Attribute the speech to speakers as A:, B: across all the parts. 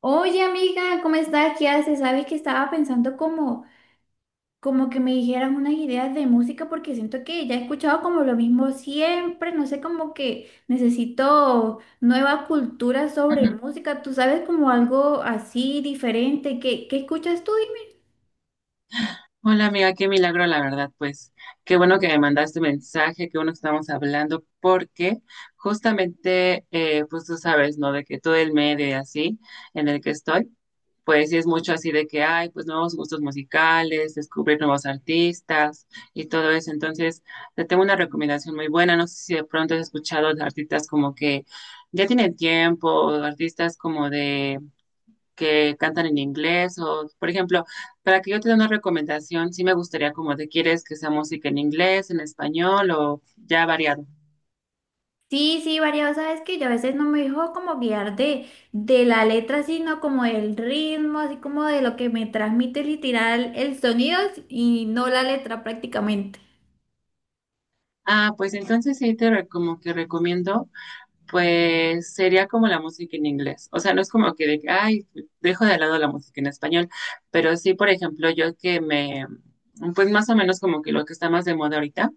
A: Oye, amiga, ¿cómo estás? ¿Qué haces? Sabes que estaba pensando como, como que me dijeras unas ideas de música porque siento que ya he escuchado como lo mismo siempre, no sé, como que necesito nueva cultura sobre
B: Ujú.
A: música. ¿Tú sabes como algo así diferente? ¿Qué escuchas tú? Dime.
B: Hola amiga, qué milagro la verdad, pues qué bueno que me mandaste mensaje, qué bueno que estamos hablando, porque justamente, pues tú sabes, ¿no? De que todo el medio y así en el que estoy, pues sí es mucho así de que hay pues nuevos gustos musicales, descubrir nuevos artistas y todo eso. Entonces, te tengo una recomendación muy buena, no sé si de pronto has escuchado de artistas como que ya tienen tiempo, o artistas como de que cantan en inglés o, por ejemplo, para que yo te dé una recomendación, sí me gustaría como te quieres que sea música en inglés, en español o ya variado.
A: Sí, sí, variado, sabes que yo a veces no me dejo como guiar de la letra, sino como del ritmo, así como de lo que me transmite literal el sonido y no la letra prácticamente.
B: Ah, pues entonces sí te como que recomiendo, pues sería como la música en inglés. O sea, no es como que de, que, ay, dejo de lado la música en español, pero sí, por ejemplo, yo que me, pues más o menos como que lo que está más de moda ahorita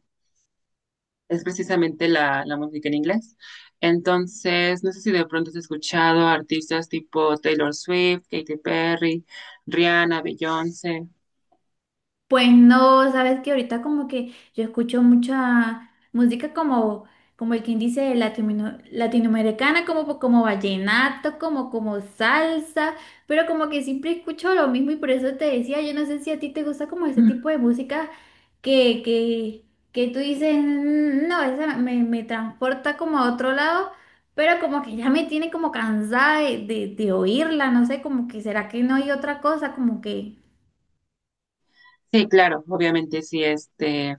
B: es precisamente la música en inglés. Entonces, no sé si de pronto has escuchado artistas tipo Taylor Swift, Katy Perry, Rihanna, Beyoncé.
A: Pues no, sabes que ahorita como que yo escucho mucha música como, como el quien dice latinoamericana, como, como vallenato, como, como salsa, pero como que siempre escucho lo mismo y por eso te decía, yo no sé si a ti te gusta como ese
B: Mm.
A: tipo de música que, que, que tú dices, "Mm, no, esa me transporta como a otro lado, pero como que ya me tiene como cansada de, de oírla, no sé, como que será que no hay otra cosa, como que...
B: Sí, claro, obviamente sí, este,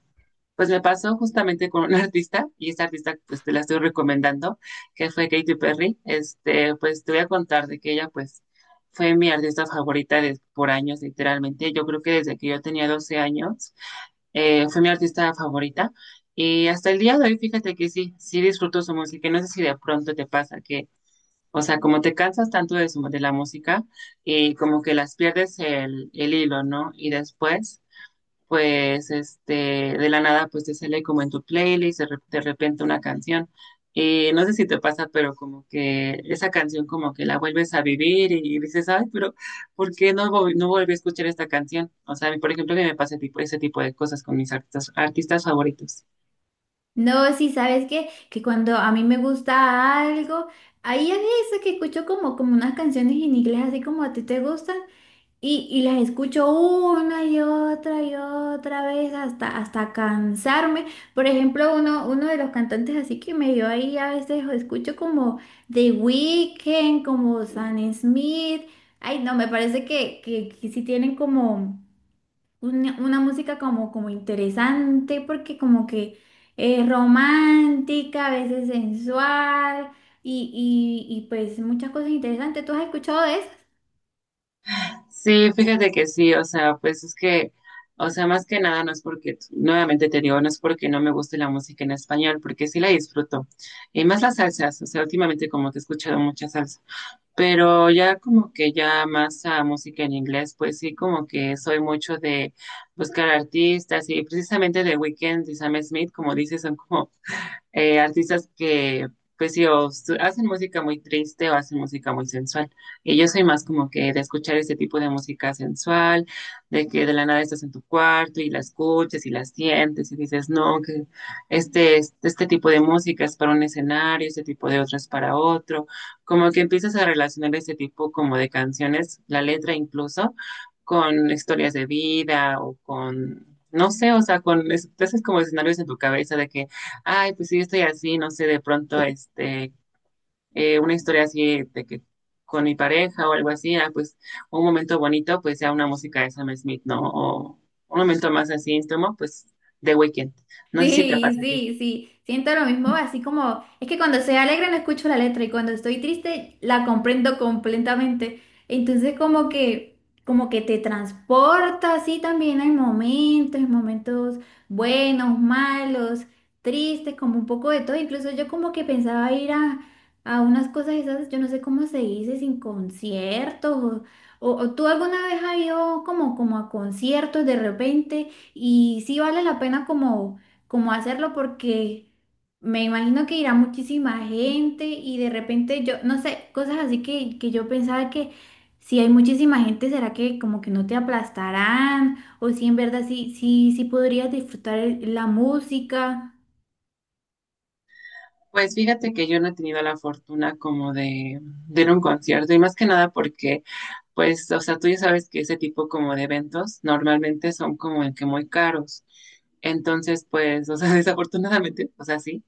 B: pues me pasó justamente con una artista y esta artista pues te la estoy recomendando, que fue Katy Perry. Este, pues te voy a contar de que ella pues fue mi artista favorita por años, literalmente. Yo creo que desde que yo tenía 12 años fue mi artista favorita. Y hasta el día de hoy, fíjate que sí, sí disfruto su música. Y no sé si de pronto te pasa que, o sea, como te cansas tanto de, de la música, y como que las pierdes el hilo, ¿no? Y después pues este, de la nada, pues te sale como en tu playlist, de, de repente una canción. Y no sé si te pasa, pero como que esa canción como que la vuelves a vivir y, dices, ay, pero ¿por qué no, no volví a escuchar esta canción? O sea, a mí, por ejemplo, que me pasa tipo, ese tipo de cosas con mis artistas favoritos.
A: No, sí, sabes que cuando a mí me gusta algo, ahí a veces que escucho como, como unas canciones en inglés, así como a ti te gustan, y las escucho una y otra vez hasta, hasta cansarme. Por ejemplo, uno de los cantantes así que me dio ahí a veces o escucho como The Weeknd, como Sam Smith. Ay, no, me parece que sí tienen como una música como, como interesante, porque como que es romántica, a veces sensual y pues muchas cosas interesantes. ¿Tú has escuchado de
B: Sí, fíjate que sí, o sea, pues es que, o sea, más que nada no es porque, nuevamente te digo, no es porque no me guste la música en español, porque sí la disfruto. Y más las salsas, o sea, últimamente como que he escuchado mucha salsa. Pero ya como que ya más a música en inglés, pues sí, como que soy mucho de buscar artistas y precisamente de Weeknd y Sam Smith, como dices, son como artistas que pues sí, o hacen música muy triste o hacen música muy sensual. Y yo soy más como que de escuchar este tipo de música sensual, de que de la nada estás en tu cuarto y la escuchas y la sientes y dices, no, que este tipo de música es para un escenario, este tipo de otro es para otro. Como que empiezas a relacionar este tipo como de canciones, la letra incluso, con historias de vida o con, no sé, o sea, con, te haces como escenarios en tu cabeza de que ay, pues sí, yo estoy así, no sé, de pronto, este, una historia así de que con mi pareja o algo así, ah, pues un momento bonito, pues sea una música de Sam Smith, ¿no? O un momento más así íntimo, pues de Weekend. No sé si te
A: sí,
B: pasa a ti.
A: sí, sí, siento lo mismo, así como, es que cuando se alegre no escucho la letra y cuando estoy triste la comprendo completamente? Entonces como que te transporta así también hay momentos, momentos buenos, malos, tristes, como un poco de todo. Incluso yo como que pensaba ir a unas cosas esas, yo no sé cómo se dice, sin conciertos, o tú alguna vez has ido como, como a conciertos de repente y sí vale la pena como cómo hacerlo porque me imagino que irá muchísima gente y de repente yo, no sé, cosas así que yo pensaba que si hay muchísima gente, ¿será que como que no te aplastarán? O si en verdad, sí, sí, sí podrías disfrutar la música.
B: Pues fíjate que yo no he tenido la fortuna como de ir a un concierto y más que nada porque, pues, o sea, tú ya sabes que ese tipo como de eventos normalmente son como el que muy caros. Entonces, pues, o sea, desafortunadamente, o sea, sí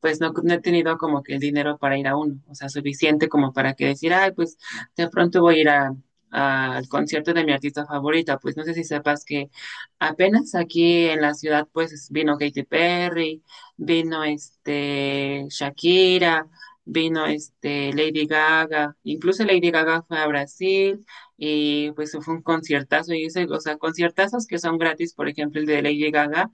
B: pues no, no he tenido como que el dinero para ir a uno, o sea, suficiente como para que decir, ay, pues de pronto voy a ir a, al concierto de mi artista favorita, pues no sé si sepas que apenas aquí en la ciudad pues vino Katy Perry, vino este Shakira, vino este Lady Gaga, incluso Lady Gaga fue a Brasil y pues fue un conciertazo y ese, o sea, conciertazos que son gratis, por ejemplo el de Lady Gaga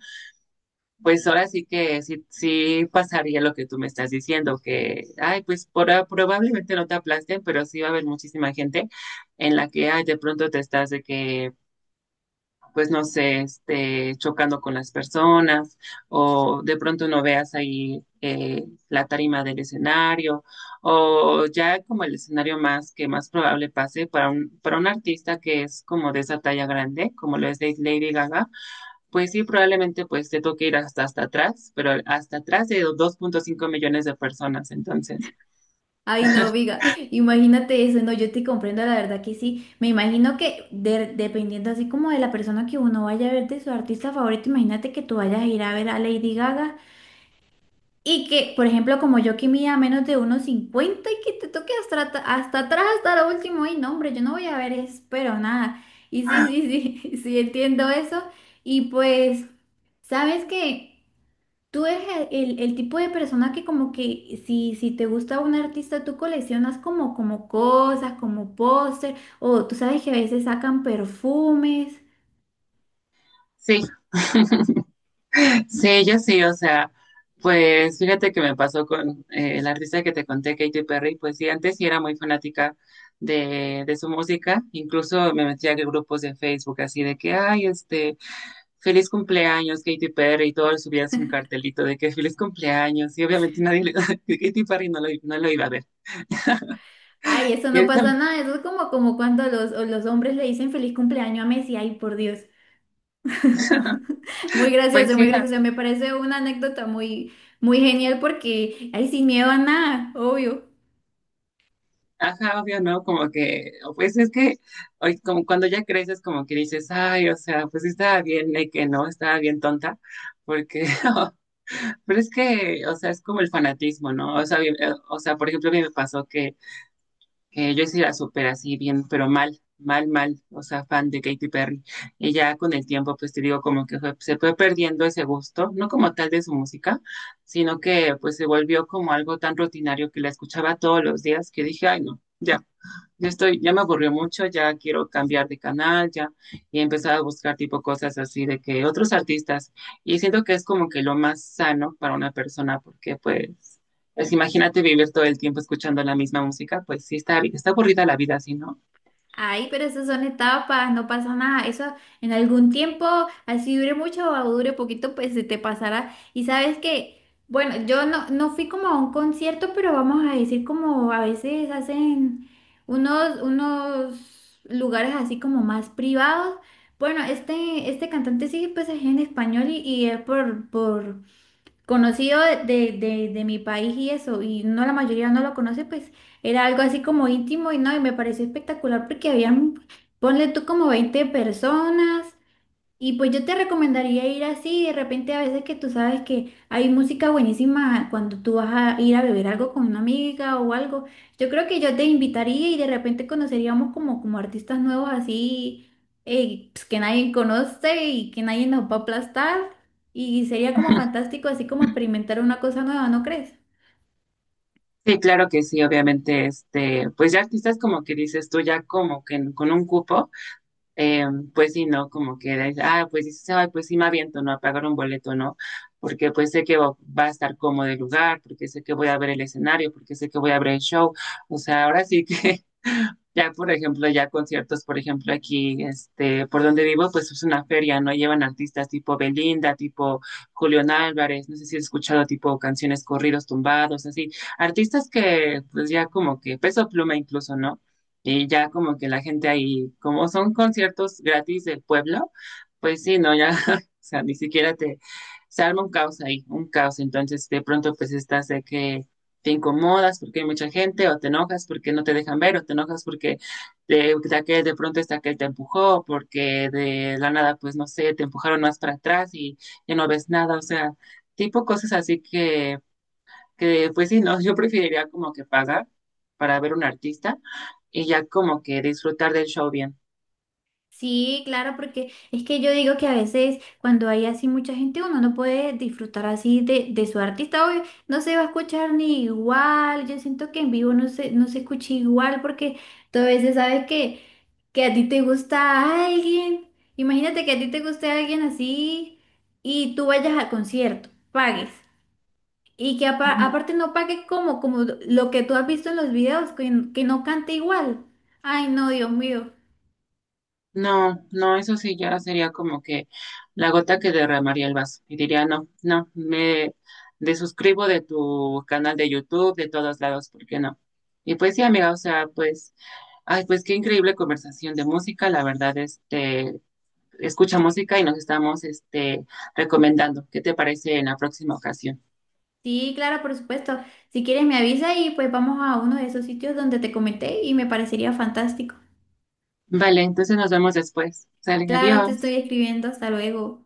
B: pues ahora sí que sí, sí pasaría lo que tú me estás diciendo, que, ay, pues por, ah, probablemente no te aplasten, pero sí va a haber muchísima gente en la que, ay, de pronto te estás de que, pues no sé, este, chocando con las personas o de pronto no veas ahí la tarima del escenario o ya como el escenario más que más probable pase para un artista que es como de esa talla grande, como lo es de Lady Gaga, pues sí, probablemente pues te toque ir hasta, hasta atrás, pero hasta atrás de 2,5 millones de personas. Entonces,
A: Ay, no, viga, imagínate eso, no, yo te comprendo, la verdad que sí. Me imagino que dependiendo así como de la persona que uno vaya a ver de su artista favorito, imagínate que tú vayas a ir a ver a Lady Gaga. Y que, por ejemplo, como yo que mida menos de 1,50 y que te toque hasta, hasta atrás, hasta lo último, y no, hombre, yo no voy a ver eso, pero nada. Y sí, sí, sí, sí, entiendo eso. Y pues, sabes que tú eres el tipo de persona que como que si, si te gusta un artista, tú coleccionas como, como cosas, como póster, o tú sabes que a veces sacan perfumes.
B: sí, sí, yo sí, o sea, pues fíjate que me pasó con la artista que te conté, Katy Perry, pues sí, antes sí era muy fanática de su música, incluso me metía a grupos de Facebook así de que, ay, este, feliz cumpleaños, Katy Perry, y todos subías un cartelito de que feliz cumpleaños, y obviamente nadie, Katy Perry no lo, no lo iba a ver.
A: Ay, eso
B: Y
A: no
B: ahorita,
A: pasa nada, eso es como, como cuando los hombres le dicen feliz cumpleaños a Messi, ay, por Dios. Muy
B: pues
A: gracioso,
B: sí,
A: muy gracioso. Me parece una anécdota muy, muy genial porque, ay, sin miedo a nada, obvio.
B: ajá, obvio, ¿no? Como que, o pues es que hoy, como cuando ya creces, como que dices, ay, o sea, pues sí estaba bien, de que no, estaba bien tonta, porque, pero es que, o sea, es como el fanatismo, ¿no? O sea, bien, o sea, por ejemplo, a mí me pasó que yo sí la super así bien, pero mal, mal, mal, o sea, fan de Katy Perry, y ya con el tiempo, pues te digo, como que se fue perdiendo ese gusto, no como tal de su música, sino que, pues se volvió como algo tan rutinario que la escuchaba todos los días que dije, ay, no, ya. Yo estoy, ya me aburrió mucho, ya quiero cambiar de canal, ya he empezado a buscar tipo cosas así de que otros artistas, y siento que es como que lo más sano para una persona, porque pues, pues imagínate vivir todo el tiempo escuchando la misma música, pues sí está, está aburrida la vida así, ¿no?
A: Ay, pero esas son etapas, no pasa nada. Eso en algún tiempo, así dure mucho o dure poquito, pues se te pasará. Y sabes que, bueno, yo no, no fui como a un concierto, pero vamos a decir como a veces hacen unos lugares así como más privados. Bueno, este cantante sí, pues es en español y es por conocido de mi país y eso, y no la mayoría no lo conoce, pues era algo así como íntimo y no, y me pareció espectacular porque habían, ponle tú como 20 personas y pues yo te recomendaría ir así, de repente a veces que tú sabes que hay música buenísima cuando tú vas a ir a beber algo con una amiga o algo. Yo creo que yo te invitaría y de repente conoceríamos como, como artistas nuevos así pues, que nadie conoce y que nadie nos va a aplastar. Y sería como fantástico así como experimentar una cosa nueva, ¿no crees?
B: Sí, claro que sí, obviamente, este, pues ya artistas como que dices tú, ya como que con un cupo. Eh, pues sí, ¿no? Como que, dices, ah, pues sí, sí se va, pues sí me aviento, ¿no? A pagar un boleto, ¿no? Porque pues sé que va a estar cómodo el lugar, porque sé que voy a ver el escenario, porque sé que voy a ver el show. O sea, ahora sí que, ya por ejemplo, ya conciertos, por ejemplo, aquí, este, por donde vivo, pues es una feria, ¿no? Llevan artistas tipo Belinda, tipo Julián Álvarez, no sé si he escuchado tipo canciones corridos tumbados, así. Artistas que, pues ya como que, Peso Pluma incluso, ¿no? Y ya como que la gente ahí, como son conciertos gratis del pueblo, pues sí, no, ya, o sea, ni siquiera te, se arma un caos ahí, un caos. Entonces, de pronto, pues estás de que te incomodas porque hay mucha gente, o te enojas porque no te dejan ver, o te enojas porque de, de pronto está que te empujó, porque de la nada, pues no sé, te empujaron más para atrás y ya no ves nada, o sea, tipo cosas así que pues sí, no, yo preferiría como que pagar para ver un artista y ya como que disfrutar del show bien.
A: Sí, claro, porque es que yo digo que a veces cuando hay así mucha gente, uno no puede disfrutar así de su artista, obvio, no se va a escuchar ni igual, yo siento que en vivo no se escucha igual porque tú a veces sabes que a ti te gusta alguien, imagínate que a ti te guste alguien así y tú vayas al concierto, pagues. Y que
B: Ujú.
A: aparte no pague como, como lo que tú has visto en los videos, que no cante igual. Ay, no, Dios mío.
B: No, no, eso sí ya sería como que la gota que derramaría el vaso y diría, no, no, me desuscribo de tu canal de YouTube, de todos lados, ¿por qué no? Y pues sí, amiga, o sea, pues, ay, pues qué increíble conversación de música, la verdad, este, escucha música y nos estamos, este, recomendando. ¿Qué te parece en la próxima ocasión?
A: Sí, claro, por supuesto. Si quieres me avisa y pues vamos a uno de esos sitios donde te comenté y me parecería fantástico.
B: Vale, entonces nos vemos después. Salen,
A: Claro, te
B: adiós.
A: estoy escribiendo. Hasta luego.